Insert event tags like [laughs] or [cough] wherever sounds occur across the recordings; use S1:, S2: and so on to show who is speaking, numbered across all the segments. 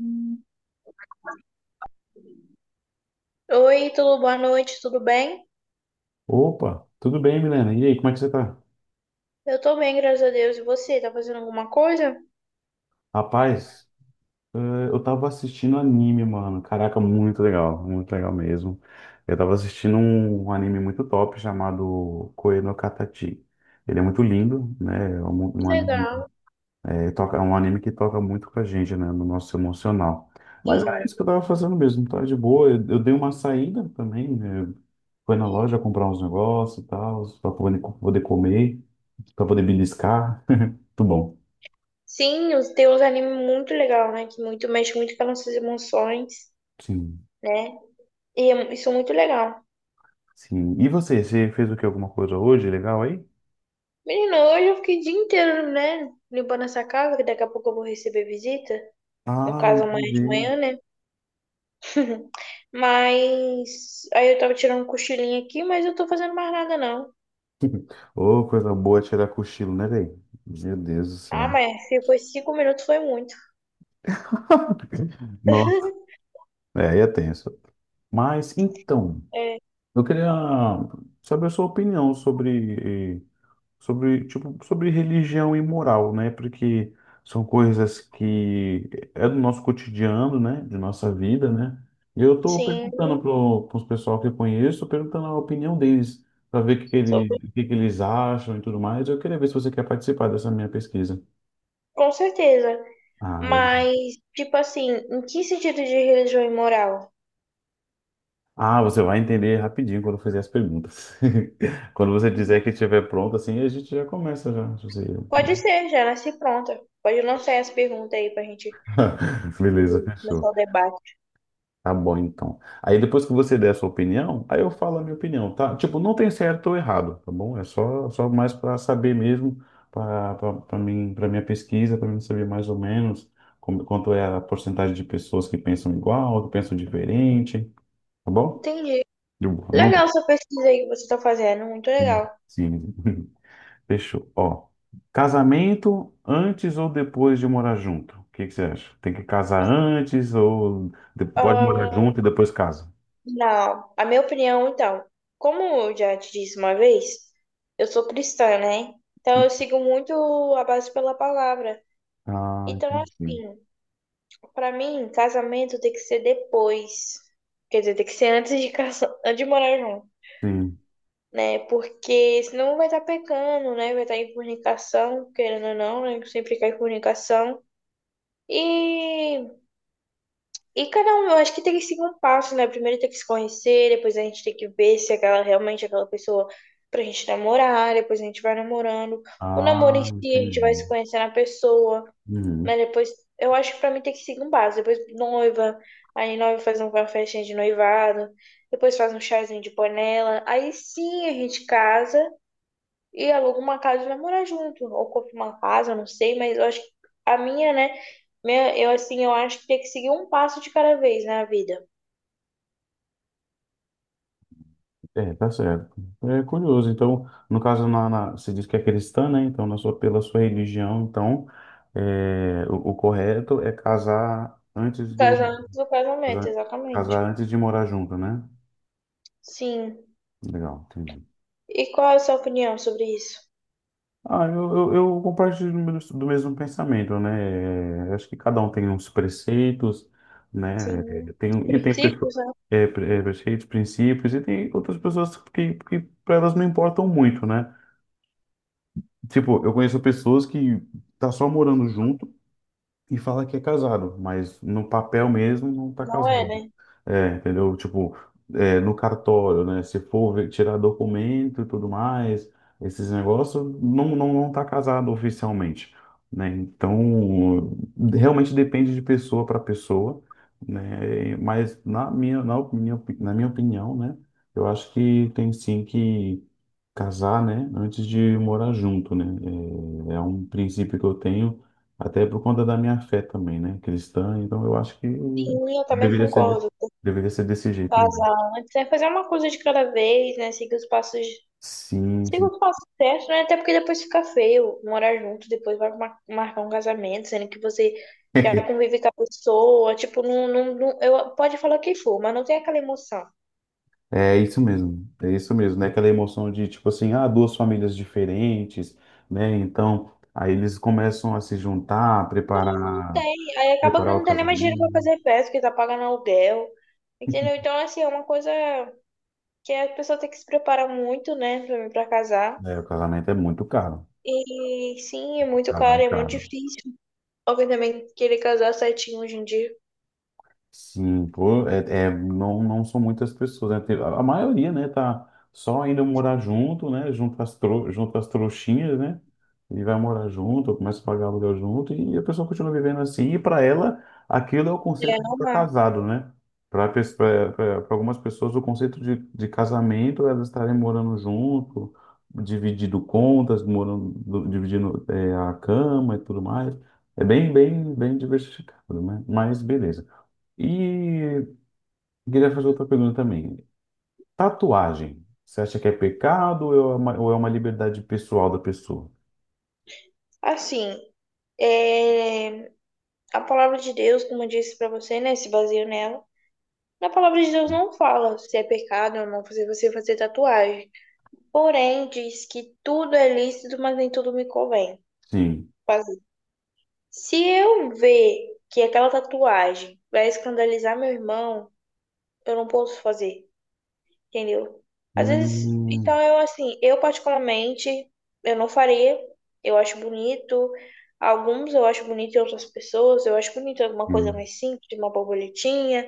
S1: Hum.
S2: Oi, tudo boa noite, tudo bem?
S1: Opa, tudo bem, Milena? E aí, como é que você tá?
S2: Eu tô bem, graças a Deus. E você, tá fazendo alguma coisa?
S1: Rapaz, eh, eu tava assistindo anime, mano. Caraca, muito legal mesmo. Eu tava assistindo um anime muito top chamado Koe no Katachi. Ele é muito lindo, né? É um anime,
S2: Legal.
S1: toca, é um anime que toca muito com a gente, né? No nosso emocional. Mas era
S2: Sim.
S1: isso que eu tava fazendo mesmo, tá de boa. Eu dei uma saída também, né? Foi na loja comprar uns negócios e tal, pra poder, poder comer, pra poder beliscar. [laughs] Muito bom.
S2: Sim, tem uns animes muito legal, né? Que muito mexe muito com as nossas emoções,
S1: Sim,
S2: né? Isso é muito legal.
S1: sim. E você, você fez o que? Alguma coisa hoje legal aí?
S2: Menino, hoje eu fiquei o dia inteiro, né? Limpando essa casa, que daqui a pouco eu vou receber visita. No
S1: Ah,
S2: caso, amanhã de
S1: entendi.
S2: manhã, né? [laughs] Mas aí eu tava tirando um cochilinho aqui, mas eu tô fazendo mais nada, não.
S1: [laughs] Ô, coisa boa tirar cochilo, né, velho? Meu Deus do
S2: Ah,
S1: céu.
S2: mas se foi 5 minutos, foi muito.
S1: Nossa, é, aí é tenso. Mas, então,
S2: É,
S1: eu queria saber a sua opinião sobre sobre, tipo, sobre religião e moral, né? Porque são coisas que é do nosso cotidiano, né? De nossa vida, né? E eu estou
S2: sim.
S1: perguntando para os pessoal que eu conheço, perguntando a opinião deles, para ver o que, que, o que que eles acham e tudo mais. Eu queria ver se você quer participar dessa minha pesquisa.
S2: Com certeza.
S1: Ah, legal.
S2: Mas, tipo assim, em que sentido de religião imoral?
S1: Ah, você vai entender rapidinho quando eu fizer as perguntas. [laughs] Quando você dizer que estiver pronto, assim, a gente já começa já. José.
S2: Pode ser, já nasci pronta. Pode lançar essa pergunta aí pra gente
S1: [laughs] Beleza,
S2: começar
S1: fechou.
S2: o debate.
S1: Tá bom, então. Aí depois que você der a sua opinião, aí eu falo a minha opinião, tá? Tipo, não tem certo ou errado, tá bom? É só, só mais para saber mesmo, para mim, para minha pesquisa, para mim saber mais ou menos como, quanto é a porcentagem de pessoas que pensam igual, que pensam diferente, tá bom?
S2: Entendi.
S1: De boa. Não.
S2: Legal essa pesquisa aí que você tá fazendo, muito
S1: Sim,
S2: legal.
S1: sim. [laughs] Fechou. Ó, casamento antes ou depois de morar junto? O que que você acha? Tem que casar antes ou pode morar
S2: Ah,
S1: junto e depois casa?
S2: não, a minha opinião, então, como eu já te disse uma vez, eu sou cristã, né? Então eu sigo muito a base pela palavra.
S1: Ah,
S2: Então,
S1: entendi.
S2: assim, pra mim, casamento tem que ser depois. Quer dizer, tem que ser antes de casar, [laughs] antes de morar junto,
S1: Sim.
S2: né? Porque senão vai estar pecando, né? Vai estar em fornicação, querendo ou não, né? Sempre cai em fornicação. E, e cada um, eu acho que tem que seguir um passo, né? Primeiro tem que se conhecer, depois a gente tem que ver se aquela realmente é aquela pessoa pra gente namorar, depois a gente vai namorando. O namoro em
S1: Ah,
S2: si, a gente vai
S1: entendi.
S2: se conhecendo a pessoa.
S1: Uhum.
S2: Mas depois, eu acho que pra mim tem que seguir um base. Depois noiva, aí noiva faz uma festinha de noivado, depois faz um chazinho de panela. Aí sim a gente casa e aluga uma casa e vai morar junto. Ou compra uma casa, não sei, mas eu acho que a minha, né? Minha, eu assim, eu acho que tem que seguir um passo de cada vez na vida.
S1: É, tá certo. É curioso. Então, no caso, você diz que é cristã, né? Então, na sua, pela sua religião, então, é, o correto é casar
S2: O
S1: antes do,
S2: casamento, do casamento,
S1: casar,
S2: exatamente.
S1: casar antes de morar junto, né?
S2: Sim.
S1: Legal, entendi.
S2: E qual é a sua opinião sobre isso?
S1: Ah, eu compartilho do do mesmo pensamento, né? Acho que cada um tem uns preceitos, né?
S2: Sim, os
S1: Tem, e tem pessoas,
S2: princípios, né?
S1: é, preceitos, princípios, e tem outras pessoas que para elas não importam muito, né? Tipo, eu conheço pessoas que tá só morando junto e fala que é casado, mas no papel mesmo não tá
S2: Não é,
S1: casado.
S2: né?
S1: É, entendeu? Tipo, é, no cartório, né? Se for tirar documento e tudo mais, esses negócios, não, não, não tá casado oficialmente, né? Então, realmente depende de pessoa para pessoa, né? Mas na minha opinião, né? Eu acho que tem sim que casar, né? Antes de morar junto, né? É, é um princípio que eu tenho até por conta da minha fé também, né? Cristã, então eu acho que
S2: Sim, eu também
S1: deveria ser,
S2: concordo.
S1: deveria ser desse jeito mesmo.
S2: Vazar antes, é fazer uma coisa de cada vez, né?
S1: Sim,
S2: Seguir
S1: sim.
S2: os passos certos, né? Até porque depois fica feio morar junto, depois vai marcar um casamento, sendo que você já
S1: [laughs]
S2: convive com a pessoa, tipo, eu pode falar o que for, mas não tem aquela emoção.
S1: É isso mesmo, né? Aquela emoção de tipo assim, ah, duas famílias diferentes, né? Então, aí eles começam a se juntar,
S2: Não
S1: preparar,
S2: tem, aí acaba que
S1: preparar o
S2: não tem nem mais dinheiro pra
S1: casamento.
S2: fazer festa, porque tá pagando aluguel, entendeu? Então, assim, é uma coisa que a pessoa tem que se preparar muito, né, pra, pra casar.
S1: É, o casamento é muito caro,
S2: E sim, é muito
S1: tá lá é
S2: caro, é muito
S1: caro.
S2: difícil. Alguém também querer casar certinho hoje em dia.
S1: Sim, pô, não, não são muitas pessoas, né? A maioria, né, tá só indo morar junto, né? Junto às trouxinhas, né? E vai morar junto, começa a pagar aluguel junto, e a pessoa continua vivendo assim, e para ela, aquilo é o
S2: É,
S1: conceito de
S2: não
S1: estar
S2: dá.
S1: casado, né? Para algumas pessoas, o conceito de casamento é elas estarem morando junto, dividindo contas, morando, dividindo, é, a cama e tudo mais. É bem, bem, bem diversificado, né? Mas beleza. E queria fazer outra pergunta também. Tatuagem, você acha que é pecado ou é uma liberdade pessoal da pessoa?
S2: Assim, é, a palavra de Deus, como eu disse pra você, né, se baseio nela. Na palavra de Deus não fala se é pecado ou não fazer você fazer tatuagem. Porém, diz que tudo é lícito, mas nem tudo me convém
S1: Sim.
S2: fazer. Se eu ver que aquela tatuagem vai escandalizar meu irmão, eu não posso fazer. Entendeu? Às vezes,
S1: Hum,
S2: então eu assim, eu particularmente, eu não faria. Eu acho bonito. Alguns eu acho bonito em outras pessoas, eu acho bonito alguma coisa
S1: hum,
S2: mais simples, uma borboletinha,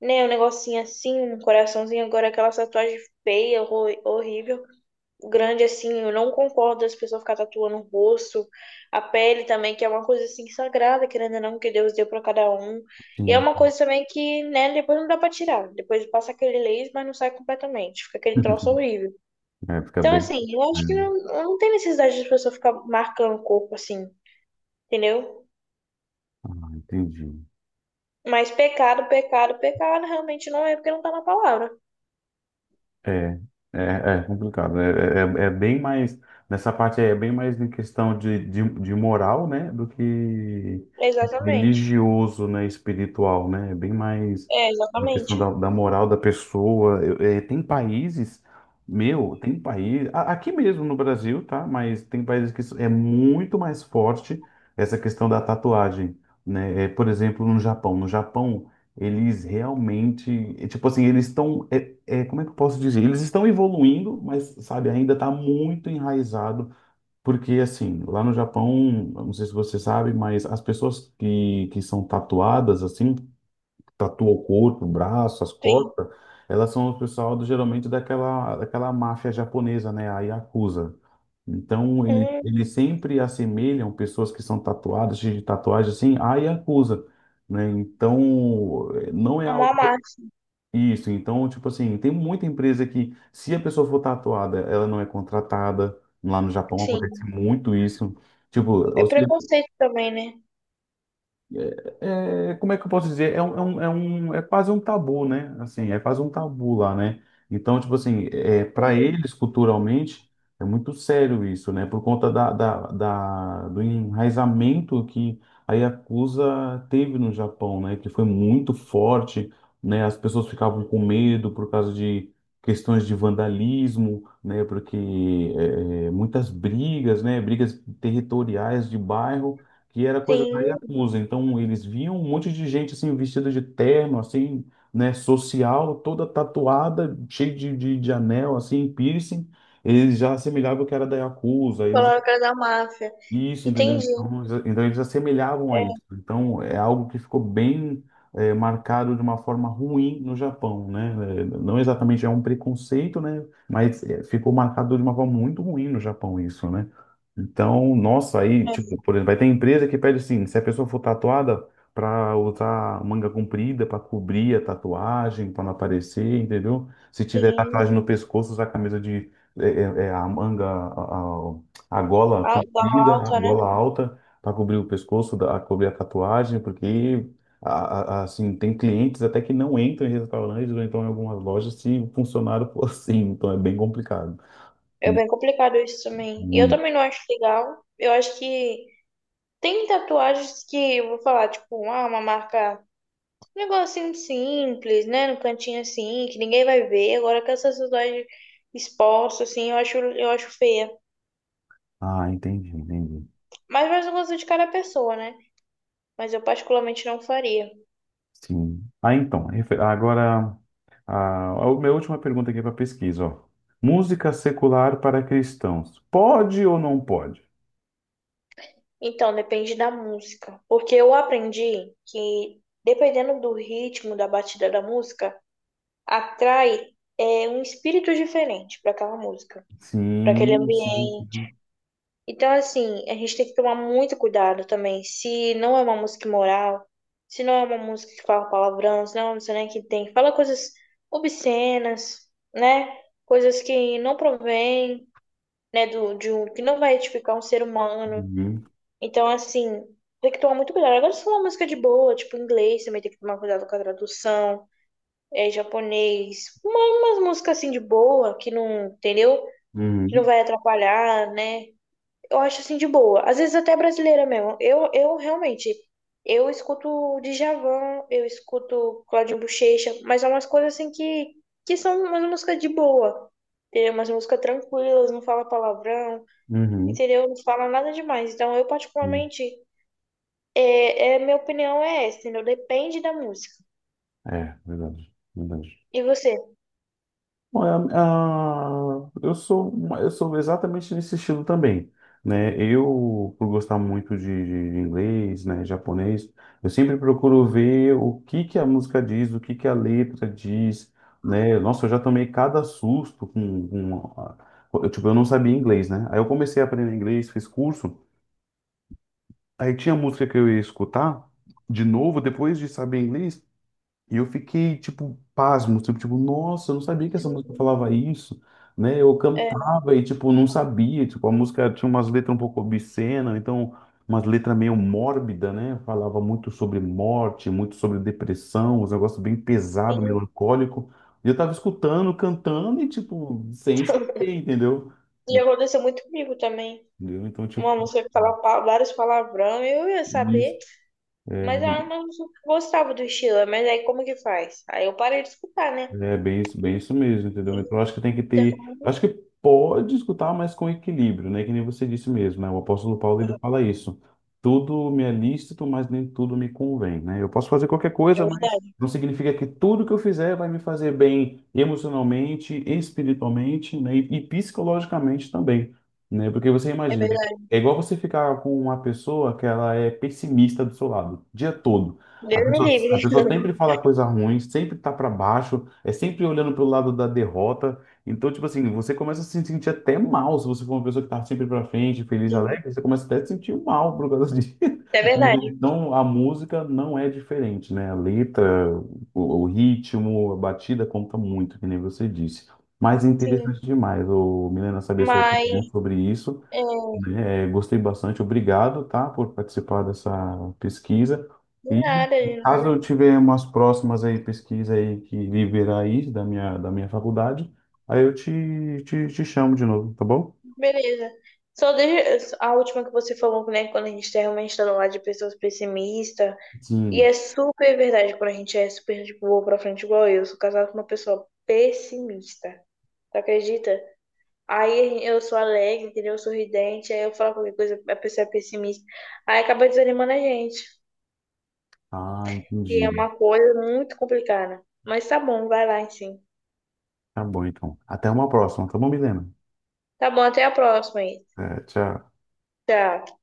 S2: né? Um negocinho assim, um coraçãozinho, agora aquela tatuagem feia, horrível grande assim, eu não concordo das pessoas ficar tatuando o rosto, a pele também, que é uma coisa assim sagrada, querendo ou não, que Deus deu para cada um. E é
S1: sim.
S2: uma coisa também que, né, depois não dá para tirar. Depois passa aquele laser, mas não sai completamente, fica aquele troço
S1: [laughs]
S2: horrível.
S1: É, fica
S2: Então,
S1: bem.
S2: assim, eu acho que
S1: Hum.
S2: não, não tem necessidade de as pessoas ficar marcando o corpo assim, entendeu?
S1: Ah, entendi.
S2: Mas pecado, pecado, pecado, realmente não é porque não tá na palavra.
S1: É, é, é complicado. É, é, é é bem mais. Nessa parte aí é bem mais em questão de moral, né? Do que
S2: Exatamente.
S1: religioso, né? Espiritual, né? É bem mais
S2: É,
S1: uma questão
S2: exatamente.
S1: da, da moral da pessoa. É, tem países, meu, tem país. Aqui mesmo no Brasil, tá? Mas tem países que isso é muito mais forte essa questão da tatuagem, né? É, por exemplo, no Japão. No Japão. Eles realmente, é, tipo assim, eles estão. É, é, como é que eu posso dizer? Eles estão evoluindo, mas, sabe, ainda está muito enraizado, porque, assim, lá no Japão, eu não sei se você sabe, mas as pessoas que são tatuadas, assim, tatuam o corpo, o braço, as
S2: Sim.
S1: costas, elas são o pessoal do, geralmente daquela, daquela máfia japonesa, né, a Yakuza. Então,
S2: Hum,
S1: eles sempre assemelham pessoas que são tatuadas, cheias de tatuagem, assim, à Yakuza, né? Então, não é
S2: é uma
S1: algo
S2: marca,
S1: isso, então, tipo assim, tem muita empresa que, se a pessoa for tatuada, ela não é contratada. Lá no Japão acontece
S2: sim.
S1: muito isso. Tipo,
S2: É
S1: ou
S2: preconceito também, né?
S1: é, é, como é que eu posso dizer? Um- é quase um tabu, né? Assim, é quase um tabu lá, né? Então, tipo assim, é, para eles, culturalmente, é muito sério isso, né? Por conta da- do enraizamento que a Yakuza teve no Japão, né? Que foi muito forte, né? As pessoas ficavam com medo por causa de questões de vandalismo, né? Porque é, é, muitas brigas, né? Brigas territoriais de bairro que era coisa da
S2: Sim,
S1: Yakuza. Então, eles viam um monte de gente, assim, vestida de terno, assim, né, social, toda tatuada, cheia de anel, assim, piercing. Eles já assemelhavam que era da Yakuza. Eles
S2: coloca da máfia.
S1: isso, entendeu?
S2: Entendi.
S1: Então, então eles assemelhavam a
S2: É,
S1: isso. Então é algo que ficou bem marcado de uma forma ruim no Japão, né? Não exatamente é um preconceito, né? Mas ficou marcado de uma forma muito ruim no Japão isso, né? Então, nossa, aí,
S2: é,
S1: tipo, por exemplo, vai ter empresa que pede assim, se a pessoa for tatuada, para usar manga comprida, para cobrir a tatuagem, para não aparecer, entendeu? Se tiver
S2: sim,
S1: tatuagem no pescoço, usar camisa de a manga, a gola
S2: a- da
S1: comprida, a
S2: alta, né?
S1: gola alta, para cobrir o pescoço, cobrir a tatuagem, porque assim tem clientes até que não entram em restaurantes ou então em algumas lojas se o funcionário for assim, então é bem complicado.
S2: É bem complicado isso também. E eu
S1: Muito.
S2: também não acho legal. Eu acho que tem tatuagens que, eu vou falar, tipo, ah, uma marca, um negocinho simples, né? No cantinho assim, que ninguém vai ver. Agora com essas tatuagens expostas, assim, eu acho feia.
S1: Ah, entendi, entendi.
S2: Mas vai do gosto de cada pessoa, né? Mas eu particularmente não faria.
S1: Sim. Ah, então, agora a minha última pergunta aqui para pesquisa, ó. Música secular para cristãos. Pode ou não pode?
S2: Então, depende da música. Porque eu aprendi que, dependendo do ritmo da batida da música, atrai um espírito diferente para aquela música, para aquele
S1: Sim, sim,
S2: ambiente.
S1: sim.
S2: Então, assim, a gente tem que tomar muito cuidado também. Se não é uma música imoral, se não é uma música que fala palavrão, se não é uma música, né, que tem, fala coisas obscenas, né? Coisas que não provém, né, do, de um, que não vai edificar um ser humano.
S1: Uhum,
S2: Então, assim, tem que tomar muito cuidado. Agora, se for uma música de boa, tipo inglês, também tem que tomar cuidado com a tradução, é, japonês, uma, umas músicas assim de boa, que não, entendeu? Que não
S1: uhum,
S2: vai atrapalhar, né? Eu acho assim de boa. Às vezes até brasileira mesmo. Eu realmente, eu escuto Djavan, eu escuto Claudinho Buchecha, mas é umas coisas assim que são umas músicas de boa. Entendeu? Umas músicas tranquilas, não fala palavrão, entendeu? Não fala nada demais. Então, eu
S1: uhum.
S2: particularmente. Minha opinião é essa, entendeu? Depende da música.
S1: É, verdade, verdade.
S2: E você?
S1: Bom, eu sou, eu sou exatamente nesse estilo também, né? Eu, por gostar muito de, de inglês, né, japonês, eu sempre procuro ver o que que a música diz, o que que a letra diz, né? Nossa, eu já tomei cada susto com, tipo, eu não sabia inglês, né? Aí eu comecei a aprender inglês, fiz curso, aí tinha música que eu ia escutar de novo depois de saber inglês. E eu fiquei, tipo, pasmo, tipo, tipo, nossa, eu não sabia que essa música falava isso, né? Eu
S2: É,
S1: cantava e, tipo, não sabia, tipo, a música tinha umas letras um pouco obscenas, então, umas letras meio mórbida, né? Falava muito sobre morte, muito sobre depressão, uns negócios bem pesado, melancólico. E eu tava escutando, cantando e, tipo, sem saber, entendeu?
S2: e aconteceu muito comigo também.
S1: Entendeu? Então, tipo,
S2: Uma música que falava vários palavrão, eu ia
S1: isso.
S2: saber, mas
S1: É.
S2: era uma música que eu gostava do estilo, mas aí como que faz? Aí eu parei de escutar, né?
S1: É bem isso mesmo, entendeu? Então, eu acho que tem que
S2: Então,
S1: ter. Eu acho que pode escutar, mas com equilíbrio, né? Que nem você disse mesmo, né? O apóstolo Paulo ele fala isso. Tudo me é lícito, mas nem tudo me convém, né? Eu posso fazer qualquer
S2: é
S1: coisa, mas
S2: verdade,
S1: não significa que tudo que eu fizer vai me fazer bem emocionalmente, espiritualmente, né? E psicologicamente também, né? Porque você
S2: é
S1: imagina,
S2: verdade.
S1: é igual você ficar com uma pessoa que ela é pessimista do seu lado, o dia todo. A
S2: Deus me
S1: pessoa, a pessoa
S2: livre.
S1: sempre
S2: [laughs]
S1: fala coisa ruim, sempre tá para baixo é sempre olhando pro lado da derrota. Então, tipo assim, você começa a se sentir até mal se você for uma pessoa que tá sempre pra frente, feliz,
S2: Sim,
S1: alegre, você começa até a se sentir mal por causa disso. [laughs]
S2: é
S1: Né?
S2: verdade,
S1: Então, a música não é diferente, né? A letra, o ritmo, a batida conta muito, que nem você disse. Mas é interessante
S2: sim.
S1: demais, ô, Milena, saber sua opinião
S2: Mas,
S1: sobre isso.
S2: é,
S1: É, gostei bastante, obrigado, tá, por participar dessa pesquisa.
S2: de
S1: E
S2: nada, de
S1: caso
S2: nada.
S1: eu tiver umas próximas aí pesquisa aí que liberar aí da minha faculdade, aí eu te chamo de novo, tá bom?
S2: Beleza. Só deixa a última que você falou, né? Quando a gente tá realmente está do lado de pessoas pessimistas. E
S1: Sim.
S2: é super verdade quando a gente é super de boa pra frente, igual eu. Eu sou casada com uma pessoa pessimista. Tu acredita? Aí eu sou alegre, entendeu? Eu sou sorridente, aí eu falo qualquer coisa, a pessoa é pessimista. Aí acaba desanimando a gente.
S1: Ah,
S2: E é
S1: entendi.
S2: uma coisa muito complicada. Mas tá bom, vai lá, sim.
S1: Tá bom, então. Até uma próxima, tá bom, Milena?
S2: Tá bom, até a próxima aí.
S1: É, tchau.
S2: Tchau.